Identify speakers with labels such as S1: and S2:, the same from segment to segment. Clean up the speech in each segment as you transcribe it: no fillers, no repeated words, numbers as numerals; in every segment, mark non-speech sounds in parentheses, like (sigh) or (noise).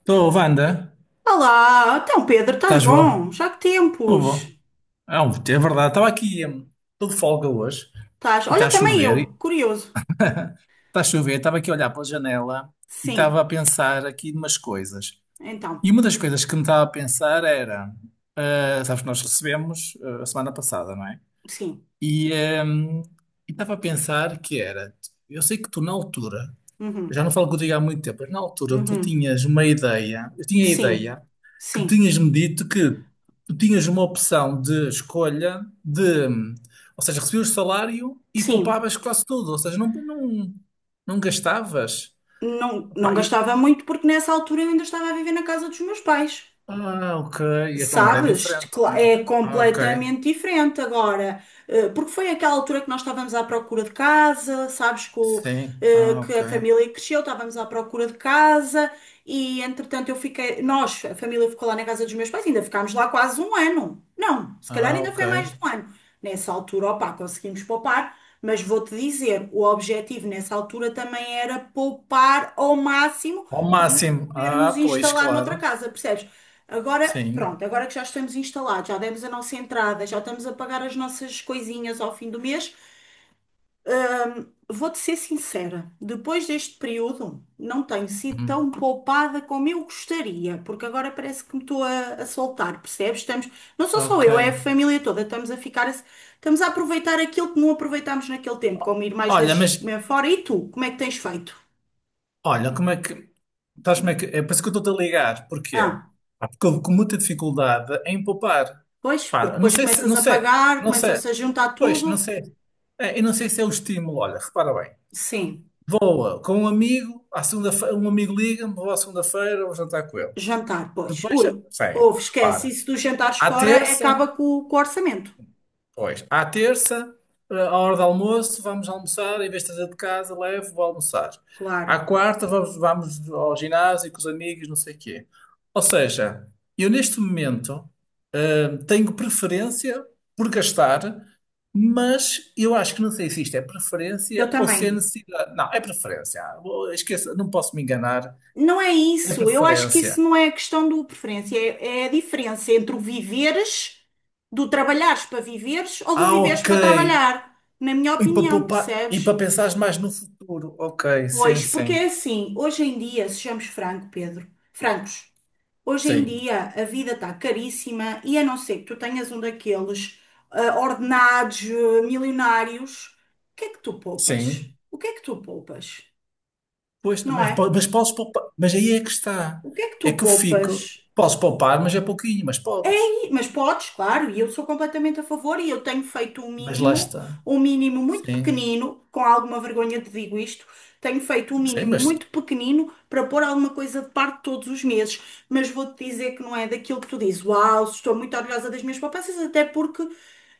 S1: Estou, Wanda,
S2: Olá, então Pedro, estás
S1: estás
S2: bom?
S1: bom?
S2: Já que
S1: Estou
S2: tempos?
S1: bom. É verdade, estava aqui, estou de folga hoje
S2: Estás?
S1: e está a
S2: Olha, também
S1: chover,
S2: eu,
S1: e
S2: curioso.
S1: está a chover, estava aqui a olhar pela janela e estava a
S2: Sim,
S1: pensar aqui em umas coisas.
S2: então,
S1: E uma das coisas que me estava a pensar era, sabes que nós recebemos a semana passada, não é?
S2: sim,
S1: E hum, e estava a pensar que era, eu sei que tu na altura já
S2: uhum,
S1: não falo contigo há muito tempo, mas na altura tu
S2: uhum,
S1: tinhas uma ideia, eu tinha a
S2: sim,
S1: ideia que
S2: sim,
S1: tinhas-me dito que tu tinhas uma opção de escolha de, ou seja, recebias o salário e
S2: sim.
S1: poupavas quase tudo, ou seja, não gastavas.
S2: Não, não
S1: Pá, e-
S2: gastava muito porque nessa altura eu ainda estava a viver na casa dos meus pais.
S1: ok, então agora é
S2: Sabes?
S1: diferente, não é?
S2: É
S1: Ah, ok,
S2: completamente diferente agora, porque foi aquela altura que nós estávamos à procura de casa, sabes, com,
S1: sim, ah,
S2: que
S1: ok,
S2: a família cresceu, estávamos à procura de casa e entretanto eu fiquei, nós, a família ficou lá na casa dos meus pais, ainda ficámos lá quase um ano. Não, se calhar
S1: ah,
S2: ainda
S1: ok.
S2: foi mais de um ano. Nessa altura, opá, conseguimos poupar, mas vou-te dizer, o objetivo nessa altura também era poupar ao máximo
S1: Ao
S2: para nos
S1: máximo, ah,
S2: podermos
S1: pois,
S2: instalar noutra
S1: claro,
S2: casa, percebes? Agora,
S1: sim,
S2: pronto, agora que já estamos instalados, já demos a nossa entrada, já estamos a pagar as nossas coisinhas ao fim do mês, vou-te ser sincera, depois deste período não tenho sido
S1: Hum,
S2: tão poupada como eu gostaria, porque agora parece que me estou a soltar, percebes? Estamos, não sou só
S1: ok.
S2: eu, é a família toda, estamos a ficar, estamos a aproveitar aquilo que não aproveitámos naquele tempo, como ir mais
S1: Olha,
S2: vezes
S1: mas
S2: comer fora. E tu, como é que tens feito?
S1: Olha, como é que. Estás como é que. É por isso que eu estou-te a ligar. Porquê?
S2: Ah,
S1: Pá, porque eu com muita dificuldade em poupar.
S2: pois, porque
S1: Pá, não
S2: depois
S1: sei se.
S2: começas
S1: Não
S2: a
S1: sei.
S2: pagar,
S1: Não sei.
S2: começam-se a juntar
S1: Pois, não
S2: tudo.
S1: sei. É, eu não sei se é o estímulo. Olha, repara bem.
S2: Sim.
S1: Vou com um amigo, à segunda-feira, um amigo liga-me, vou à segunda-feira, vou jantar com ele.
S2: Jantar, pois.
S1: Depois, sim,
S2: Ui, ouve, esquece.
S1: repara.
S2: Isso dos jantares
S1: À
S2: fora
S1: terça,
S2: acaba com o orçamento.
S1: à terça, à hora do almoço, vamos almoçar. Em vez de trazer de casa, levo, vou almoçar. À
S2: Claro.
S1: quarta, vamos ao ginásio com os amigos, não sei o quê. Ou seja, eu neste momento tenho preferência por gastar, mas eu acho que não sei se isto é
S2: Eu
S1: preferência ou se é
S2: também.
S1: necessidade. Não, é preferência. Esqueça, não posso me enganar.
S2: Não é
S1: É
S2: isso. Eu acho que
S1: preferência.
S2: isso não é a questão do preferência. É, é a diferença entre o viveres, do trabalhares para viveres ou do
S1: Ah,
S2: viveres
S1: ok.
S2: para trabalhar. Na minha
S1: E para
S2: opinião,
S1: poupar, e para
S2: percebes?
S1: pensar mais no futuro. Ok, sim,
S2: Pois, porque
S1: sim.
S2: é assim. Hoje em dia, sejamos franco, Pedro, francos. Hoje em
S1: Sim,
S2: dia a vida está caríssima e a não ser que tu tenhas um daqueles ordenados milionários, o que é que tu poupas?
S1: sim.
S2: O que é que tu poupas?
S1: Pois,
S2: Não
S1: mas,
S2: é?
S1: po- mas podes poupar. Mas aí é que está.
S2: O que é que
S1: É
S2: tu
S1: que eu fico.
S2: poupas?
S1: Posso poupar, mas é pouquinho, mas podes.
S2: Sim, mas podes, claro, e eu sou completamente a favor e eu tenho feito
S1: Mas lá está.
S2: um mínimo muito
S1: Sim.
S2: pequenino, com alguma vergonha te digo isto, tenho feito um
S1: Sim,
S2: mínimo
S1: mas.
S2: muito pequenino para pôr alguma coisa de parte todos os meses, mas vou-te dizer que não é daquilo que tu dizes, uau, estou muito orgulhosa das minhas poupanças, até porque,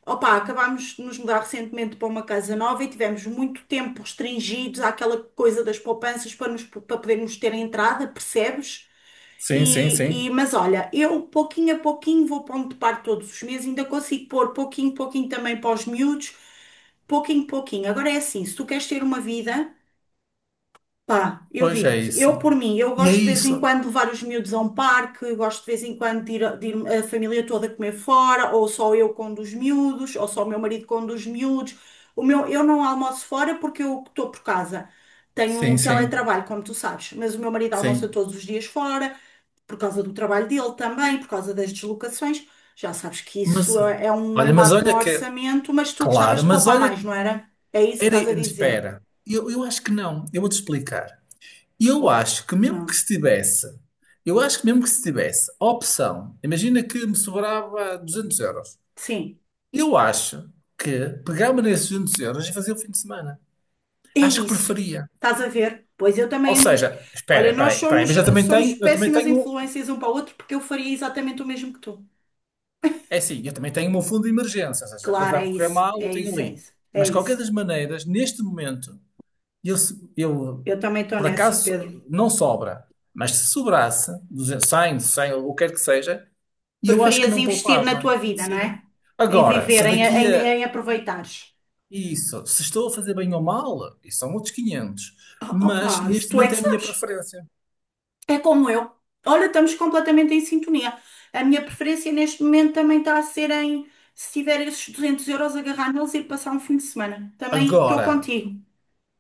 S2: opá, acabámos de nos mudar recentemente para uma casa nova e tivemos muito tempo restringidos àquela coisa das poupanças para, nos, para podermos ter entrada, percebes?
S1: Sim, sim,
S2: E,
S1: sim.
S2: mas olha, eu pouquinho a pouquinho vou pondo de parte todos os meses, ainda consigo pôr pouquinho, pouquinho também para os miúdos, pouquinho, pouquinho. Agora é assim, se tu queres ter uma vida, pá, eu
S1: Pois é
S2: digo-te,
S1: isso.
S2: eu por mim, eu
S1: E é
S2: gosto de vez em
S1: isso.
S2: quando de levar os miúdos a um parque, eu gosto de vez em quando de ir a família toda comer fora, ou só eu com um dos miúdos, ou só o meu marido com um dos miúdos. O meu, eu não almoço fora porque eu estou por casa. Tenho
S1: Sim,
S2: um
S1: sim,
S2: teletrabalho, como tu sabes, mas o meu marido almoça
S1: sim.
S2: todos os dias fora por causa do trabalho dele também, por causa das deslocações. Já sabes que isso
S1: Mas
S2: é é um
S1: mas
S2: embate no
S1: olha que. É
S2: orçamento, mas tu gostavas
S1: Claro,
S2: de
S1: mas
S2: poupar
S1: olha
S2: mais, não era? É isso que
S1: era.
S2: estás a dizer.
S1: Espera. Eu acho que não. Eu vou-te explicar. Eu
S2: Oh,
S1: acho que mesmo que
S2: não.
S1: se tivesse. Eu acho que mesmo que se tivesse a opção, imagina que me sobrava 200€.
S2: Sim,
S1: Eu acho que pegava nesses 200€ e fazia o fim de semana.
S2: é
S1: Acho que
S2: isso.
S1: preferia.
S2: Estás a ver? Pois eu
S1: Ou
S2: também ando.
S1: seja, espera,
S2: Olha,
S1: espera
S2: nós
S1: aí, espera aí,
S2: somos,
S1: mas eu também
S2: somos
S1: tenho,
S2: péssimas influências um para o outro porque eu faria exatamente o mesmo que tu.
S1: é assim, eu também tenho o meu fundo de emergência, ou seja, se a
S2: Claro,
S1: coisa a
S2: é
S1: correr
S2: isso,
S1: mal, eu
S2: é
S1: tenho
S2: isso, é
S1: ali.
S2: isso, é
S1: Mas, de qualquer
S2: isso.
S1: das maneiras, neste momento, eu
S2: Eu também estou
S1: por
S2: nessa,
S1: acaso,
S2: Pedro.
S1: não sobra, mas se sobrasse, 200, 100, 100, ou o que quer que seja, eu acho que
S2: Preferias
S1: não
S2: investir na
S1: poupava.
S2: tua vida, não
S1: Sim.
S2: é? Em
S1: Agora,
S2: viver,
S1: se
S2: em,
S1: daqui
S2: em,
S1: a
S2: em aproveitares.
S1: Isso. Se estou a fazer bem ou mal, isso são outros quinhentos.
S2: Oh,
S1: Mas
S2: Opa, isso
S1: neste
S2: tu é
S1: momento
S2: que
S1: é a minha
S2: sabes.
S1: preferência.
S2: É como eu. Olha, estamos completamente em sintonia. A minha preferência neste momento também está a ser em, se tiver esses 200 euros, agarrar neles e ir passar um fim de semana. Também estou
S1: Agora,
S2: contigo.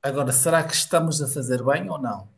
S1: agora, será que estamos a fazer bem ou não?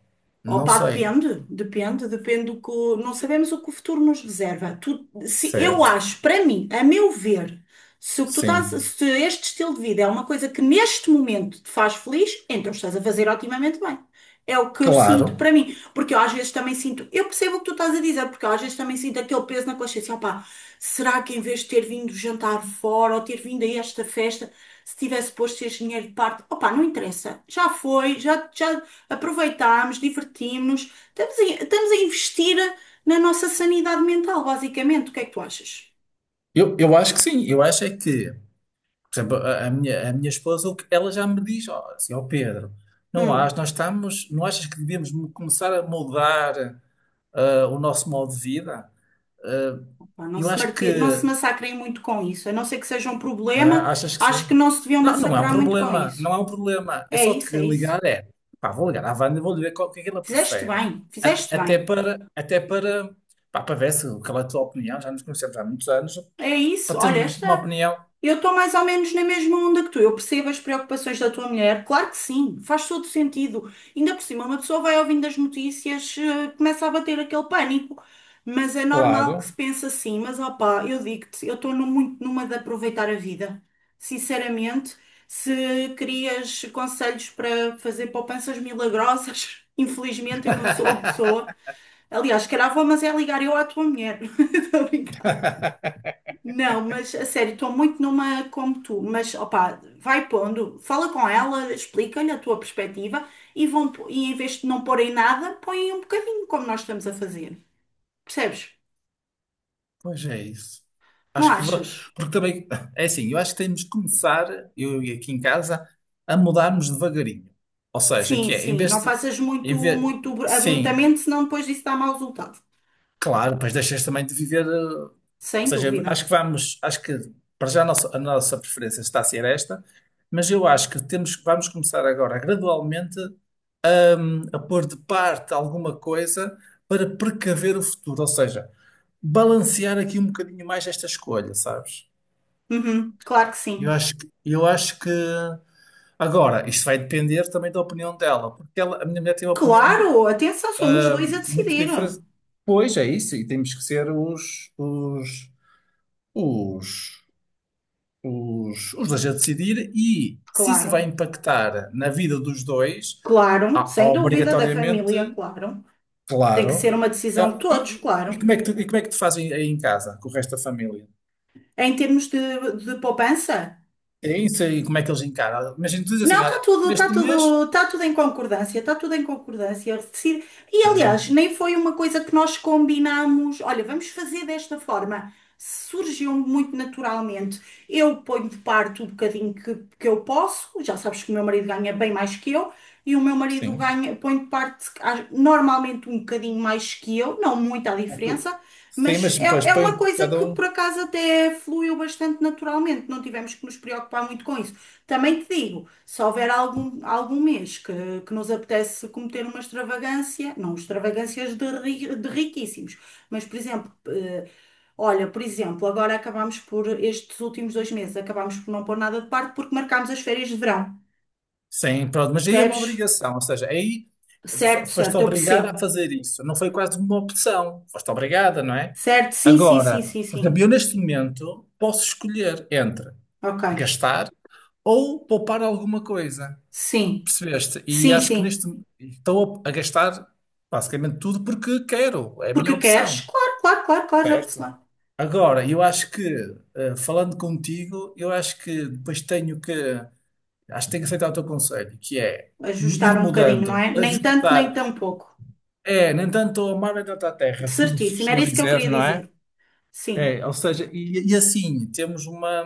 S1: Não
S2: Opa,
S1: sei.
S2: depende, depende, depende do que. Não sabemos o que o futuro nos reserva. Se, eu
S1: Certo.
S2: acho, para mim, a meu ver, se o que tu estás,
S1: Sim.
S2: se este estilo de vida é uma coisa que neste momento te faz feliz, então estás a fazer otimamente bem. É o que eu sinto
S1: Claro.
S2: para mim. Porque eu às vezes também sinto. Eu percebo o que tu estás a dizer, porque eu às vezes também sinto aquele peso na consciência. Opa, será que em vez de ter vindo jantar fora ou ter vindo a esta festa, se tivesse posto este dinheiro de parte? Opa, não interessa. Já foi, já, já, aproveitarmos, divertirmos, estamos a, estamos a investir na nossa sanidade mental, basicamente. O que é que tu achas?
S1: Eu acho que sim. Eu acho é que, por exemplo, a minha esposa, ela já me diz, ó, assim, ó Pedro, não acho,
S2: Hum,
S1: nós estamos, não achas que devíamos começar a mudar o nosso modo de vida? Ah,
S2: pá, não
S1: eu
S2: se
S1: acho que
S2: marti- não se massacrem muito com isso, a não ser que seja um problema,
S1: Ah, achas que
S2: acho que
S1: sim?
S2: não se deviam
S1: Não,
S2: massacrar muito com isso.
S1: não é um problema. Eu
S2: É
S1: só te
S2: isso,
S1: queria
S2: é isso.
S1: ligar, é, pá, vou ligar à Wanda e vou lhe ver qual, o que é que ela
S2: Fizeste
S1: prefere.
S2: bem,
S1: A-
S2: fizeste
S1: Até
S2: bem.
S1: para, até para, pá, para ver se, qual é a tua opinião, já nos conhecemos há muitos anos,
S2: É
S1: para
S2: isso, olha,
S1: termos
S2: esta.
S1: uma opinião.
S2: Eu estou mais ou menos na mesma onda que tu. Eu percebo as preocupações da tua mulher. Claro que sim, faz todo sentido. Ainda por cima, uma pessoa vai ouvindo as notícias, começa a bater aquele pânico. Mas é normal que se
S1: Claro.
S2: pense assim. Mas opá, eu digo-te, eu estou muito numa de aproveitar a vida. Sinceramente, se querias conselhos para fazer poupanças milagrosas, (laughs) infelizmente eu não sou a pessoa.
S1: (laughs)
S2: Aliás, se calhar vou, mas é ligar eu à tua mulher. (laughs) Estou a brincar. Não, mas a sério, estou muito numa como tu, mas opá, vai pondo, fala com ela, explica-lhe a tua perspectiva e, vão, e em vez de não porem nada, põem um bocadinho como nós estamos a fazer. Percebes?
S1: Pois é isso.
S2: Não
S1: Acho que vou,
S2: achas?
S1: porque também, é assim, eu acho que temos que começar, eu e aqui em casa, a mudarmos devagarinho. Ou seja,
S2: Sim,
S1: que é, em
S2: sim,
S1: vez
S2: não
S1: de,
S2: faças muito,
S1: em vez,
S2: muito
S1: sim,
S2: abruptamente, senão depois disso dá mau resultado.
S1: claro, depois deixas também de viver. Ou
S2: Sem
S1: seja,
S2: dúvida.
S1: acho que para já a nossa preferência está a ser esta, mas eu acho que temos, vamos começar agora gradualmente a pôr de parte alguma coisa para precaver o futuro, ou seja, balancear aqui um bocadinho mais esta escolha, sabes?
S2: Uhum, claro que
S1: Eu
S2: sim.
S1: acho que, eu acho que agora isto vai depender também da opinião dela, porque ela, a minha mulher tem uma opinião
S2: Claro, atenção, são os dois a
S1: muito
S2: decidir.
S1: diferente. Pois é isso, e temos que ser os os dois a decidir e se isso
S2: Claro,
S1: vai impactar na vida dos dois,
S2: claro, sem dúvida, da
S1: obrigatoriamente,
S2: família, claro. Tem que ser
S1: claro.
S2: uma decisão de
S1: Eu- E,
S2: todos, claro.
S1: Como é que tu, e como é que tu fazem aí em casa, com o resto da família?
S2: É em termos de poupança,
S1: É isso aí, como é que eles encaram? Imagina, tu dizes
S2: não,
S1: assim,
S2: está
S1: olha,
S2: tudo, está
S1: neste mês,
S2: tudo, está tudo em concordância, está tudo em concordância. E
S1: ah,
S2: aliás, nem foi uma coisa que nós combinámos. Olha, vamos fazer desta forma. Surgiu muito naturalmente. Eu ponho de parte o bocadinho que eu posso. Já sabes que o meu marido ganha bem mais que eu, e o meu marido
S1: sim.
S2: ganha, põe de parte normalmente um bocadinho mais que eu, não muita
S1: O que-
S2: diferença,
S1: sim,
S2: mas
S1: mas
S2: é,
S1: depois
S2: é
S1: põe
S2: uma coisa
S1: cada
S2: que
S1: um.
S2: por acaso até fluiu bastante naturalmente. Não tivemos que nos preocupar muito com isso. Também te digo, se houver algum, algum mês que nos apetece cometer uma extravagância, não extravagâncias de, de riquíssimos, mas, por exemplo, olha, por exemplo, agora acabámos por, estes últimos dois meses, acabámos por não pôr nada de parte porque marcámos as férias de verão.
S1: Sim, pronto, mas aí é uma
S2: Percebes?
S1: obrigação, ou seja, aí
S2: Certo,
S1: foste
S2: certo, eu
S1: obrigada a
S2: percebo.
S1: fazer isso, não foi quase uma opção, foste obrigada, não é?
S2: Certo, sim, sim, sim,
S1: Agora,
S2: sim,
S1: por exemplo,
S2: sim.
S1: eu neste momento posso escolher entre
S2: Ok.
S1: gastar ou poupar alguma coisa,
S2: Sim,
S1: percebeste? E
S2: sim,
S1: acho que
S2: sim.
S1: neste estou a gastar basicamente tudo porque quero, é a minha
S2: Porque queres?
S1: opção,
S2: Claro, claro, claro, claro, já, sei
S1: certo?
S2: lá,
S1: Agora, eu acho que, falando contigo, eu acho que depois tenho que. Acho que tenho que aceitar o teu conselho, que é
S2: ajustar
S1: ir
S2: um bocadinho, não
S1: mudando,
S2: é? Nem tanto, nem
S1: ajustar.
S2: tão pouco.
S1: É, nem tanto ao mar, nem tanto à terra, como se
S2: Certíssimo, era
S1: costuma
S2: isso que eu
S1: dizer,
S2: queria
S1: não é?
S2: dizer. Sim,
S1: É, ou seja, assim temos uma,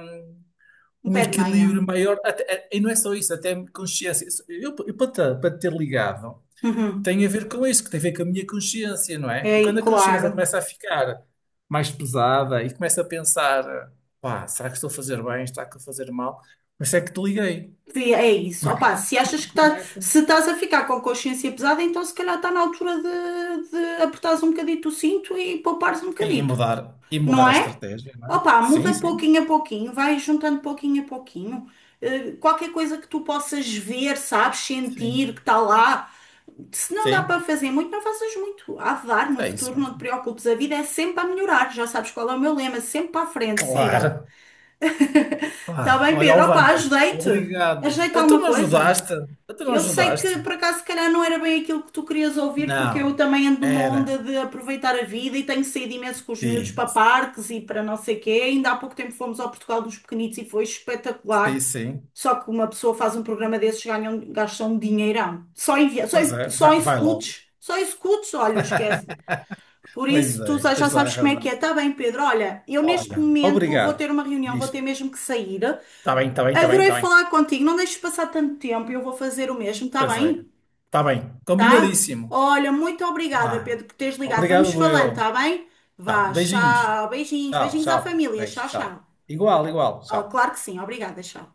S2: um
S1: um
S2: pé de meia.
S1: equilíbrio maior, é, e não é só isso, até consciência. Eu para te ter ligado,
S2: Uhum.
S1: tem a ver com isso, que tem a ver com a minha consciência, não é? E
S2: É,
S1: quando a
S2: claro,
S1: consciência começa a ficar mais pesada e começa a pensar, pá, será que estou a fazer bem, será que estou a fazer mal? Por isso é que te liguei.
S2: sim, é isso. Opa, se achas que tá,
S1: Começa.
S2: se estás a ficar com a consciência pesada, então se calhar está na altura de apertares um bocadito o cinto e poupares um
S1: Sim, e
S2: bocadito,
S1: mudar, e
S2: não
S1: mudar a
S2: é?
S1: estratégia, não é?
S2: Opa,
S1: Sim,
S2: muda
S1: sim,
S2: pouquinho a pouquinho, vai juntando pouquinho a pouquinho. Qualquer coisa que tu possas ver, sabes, sentir que
S1: sim,
S2: está lá. Se não dá para
S1: sim,
S2: fazer muito, não faças muito. Há de dar no
S1: é isso
S2: futuro, não
S1: mesmo.
S2: te preocupes. A vida é sempre a melhorar. Já sabes qual é o meu lema, sempre para a frente, siga.
S1: Claro.
S2: Está
S1: Ah,
S2: bem,
S1: olha,
S2: Pedro?
S1: ó
S2: Opa,
S1: Wanda,
S2: ajudei-te.
S1: obrigado.
S2: Ajeita
S1: Ah, tu
S2: alguma
S1: não
S2: coisa.
S1: ajudaste? Ah, tu não
S2: Eu sei
S1: ajudaste?
S2: que por acaso se calhar não era bem aquilo que tu querias ouvir, porque
S1: Não,
S2: eu também ando numa
S1: era.
S2: onda de aproveitar a vida e tenho saído imenso com os miúdos
S1: Sim,
S2: para parques e para não sei quê. Ainda há pouco tempo fomos ao Portugal dos Pequenitos e foi
S1: sim,
S2: espetacular.
S1: sim.
S2: Só que uma pessoa faz um programa desses, ganham, gastam um dinheirão.
S1: Pois é, vai, vai logo.
S2: Só em scouts, olha, esquece.
S1: (laughs)
S2: Por
S1: Pois
S2: isso, tu
S1: é,
S2: já já
S1: tens toda a
S2: sabes como é que
S1: razão.
S2: é. Tá bem, Pedro, olha, eu neste
S1: Olha,
S2: momento vou
S1: obrigado.
S2: ter uma reunião, vou
S1: Diz.
S2: ter mesmo que sair.
S1: Está bem, está bem, está bem,
S2: Adorei
S1: está bem.
S2: falar contigo, não deixes passar tanto tempo, eu vou fazer o mesmo, tá
S1: Pois é.
S2: bem?
S1: Está bem,
S2: Tá?
S1: combinadíssimo.
S2: Olha, muito obrigada,
S1: Vá.
S2: Pedro, por teres ligado. Vamos
S1: Obrigado,
S2: falando,
S1: eu.
S2: tá bem?
S1: Tá,
S2: Vá,
S1: beijinhos.
S2: tchau, beijinhos,
S1: Ciao,
S2: beijinhos à
S1: ciao.
S2: família,
S1: Beijo,
S2: tchau,
S1: ciao.
S2: tchau.
S1: Igual, igual,
S2: Ah,
S1: ciao.
S2: claro que sim, obrigada, tchau.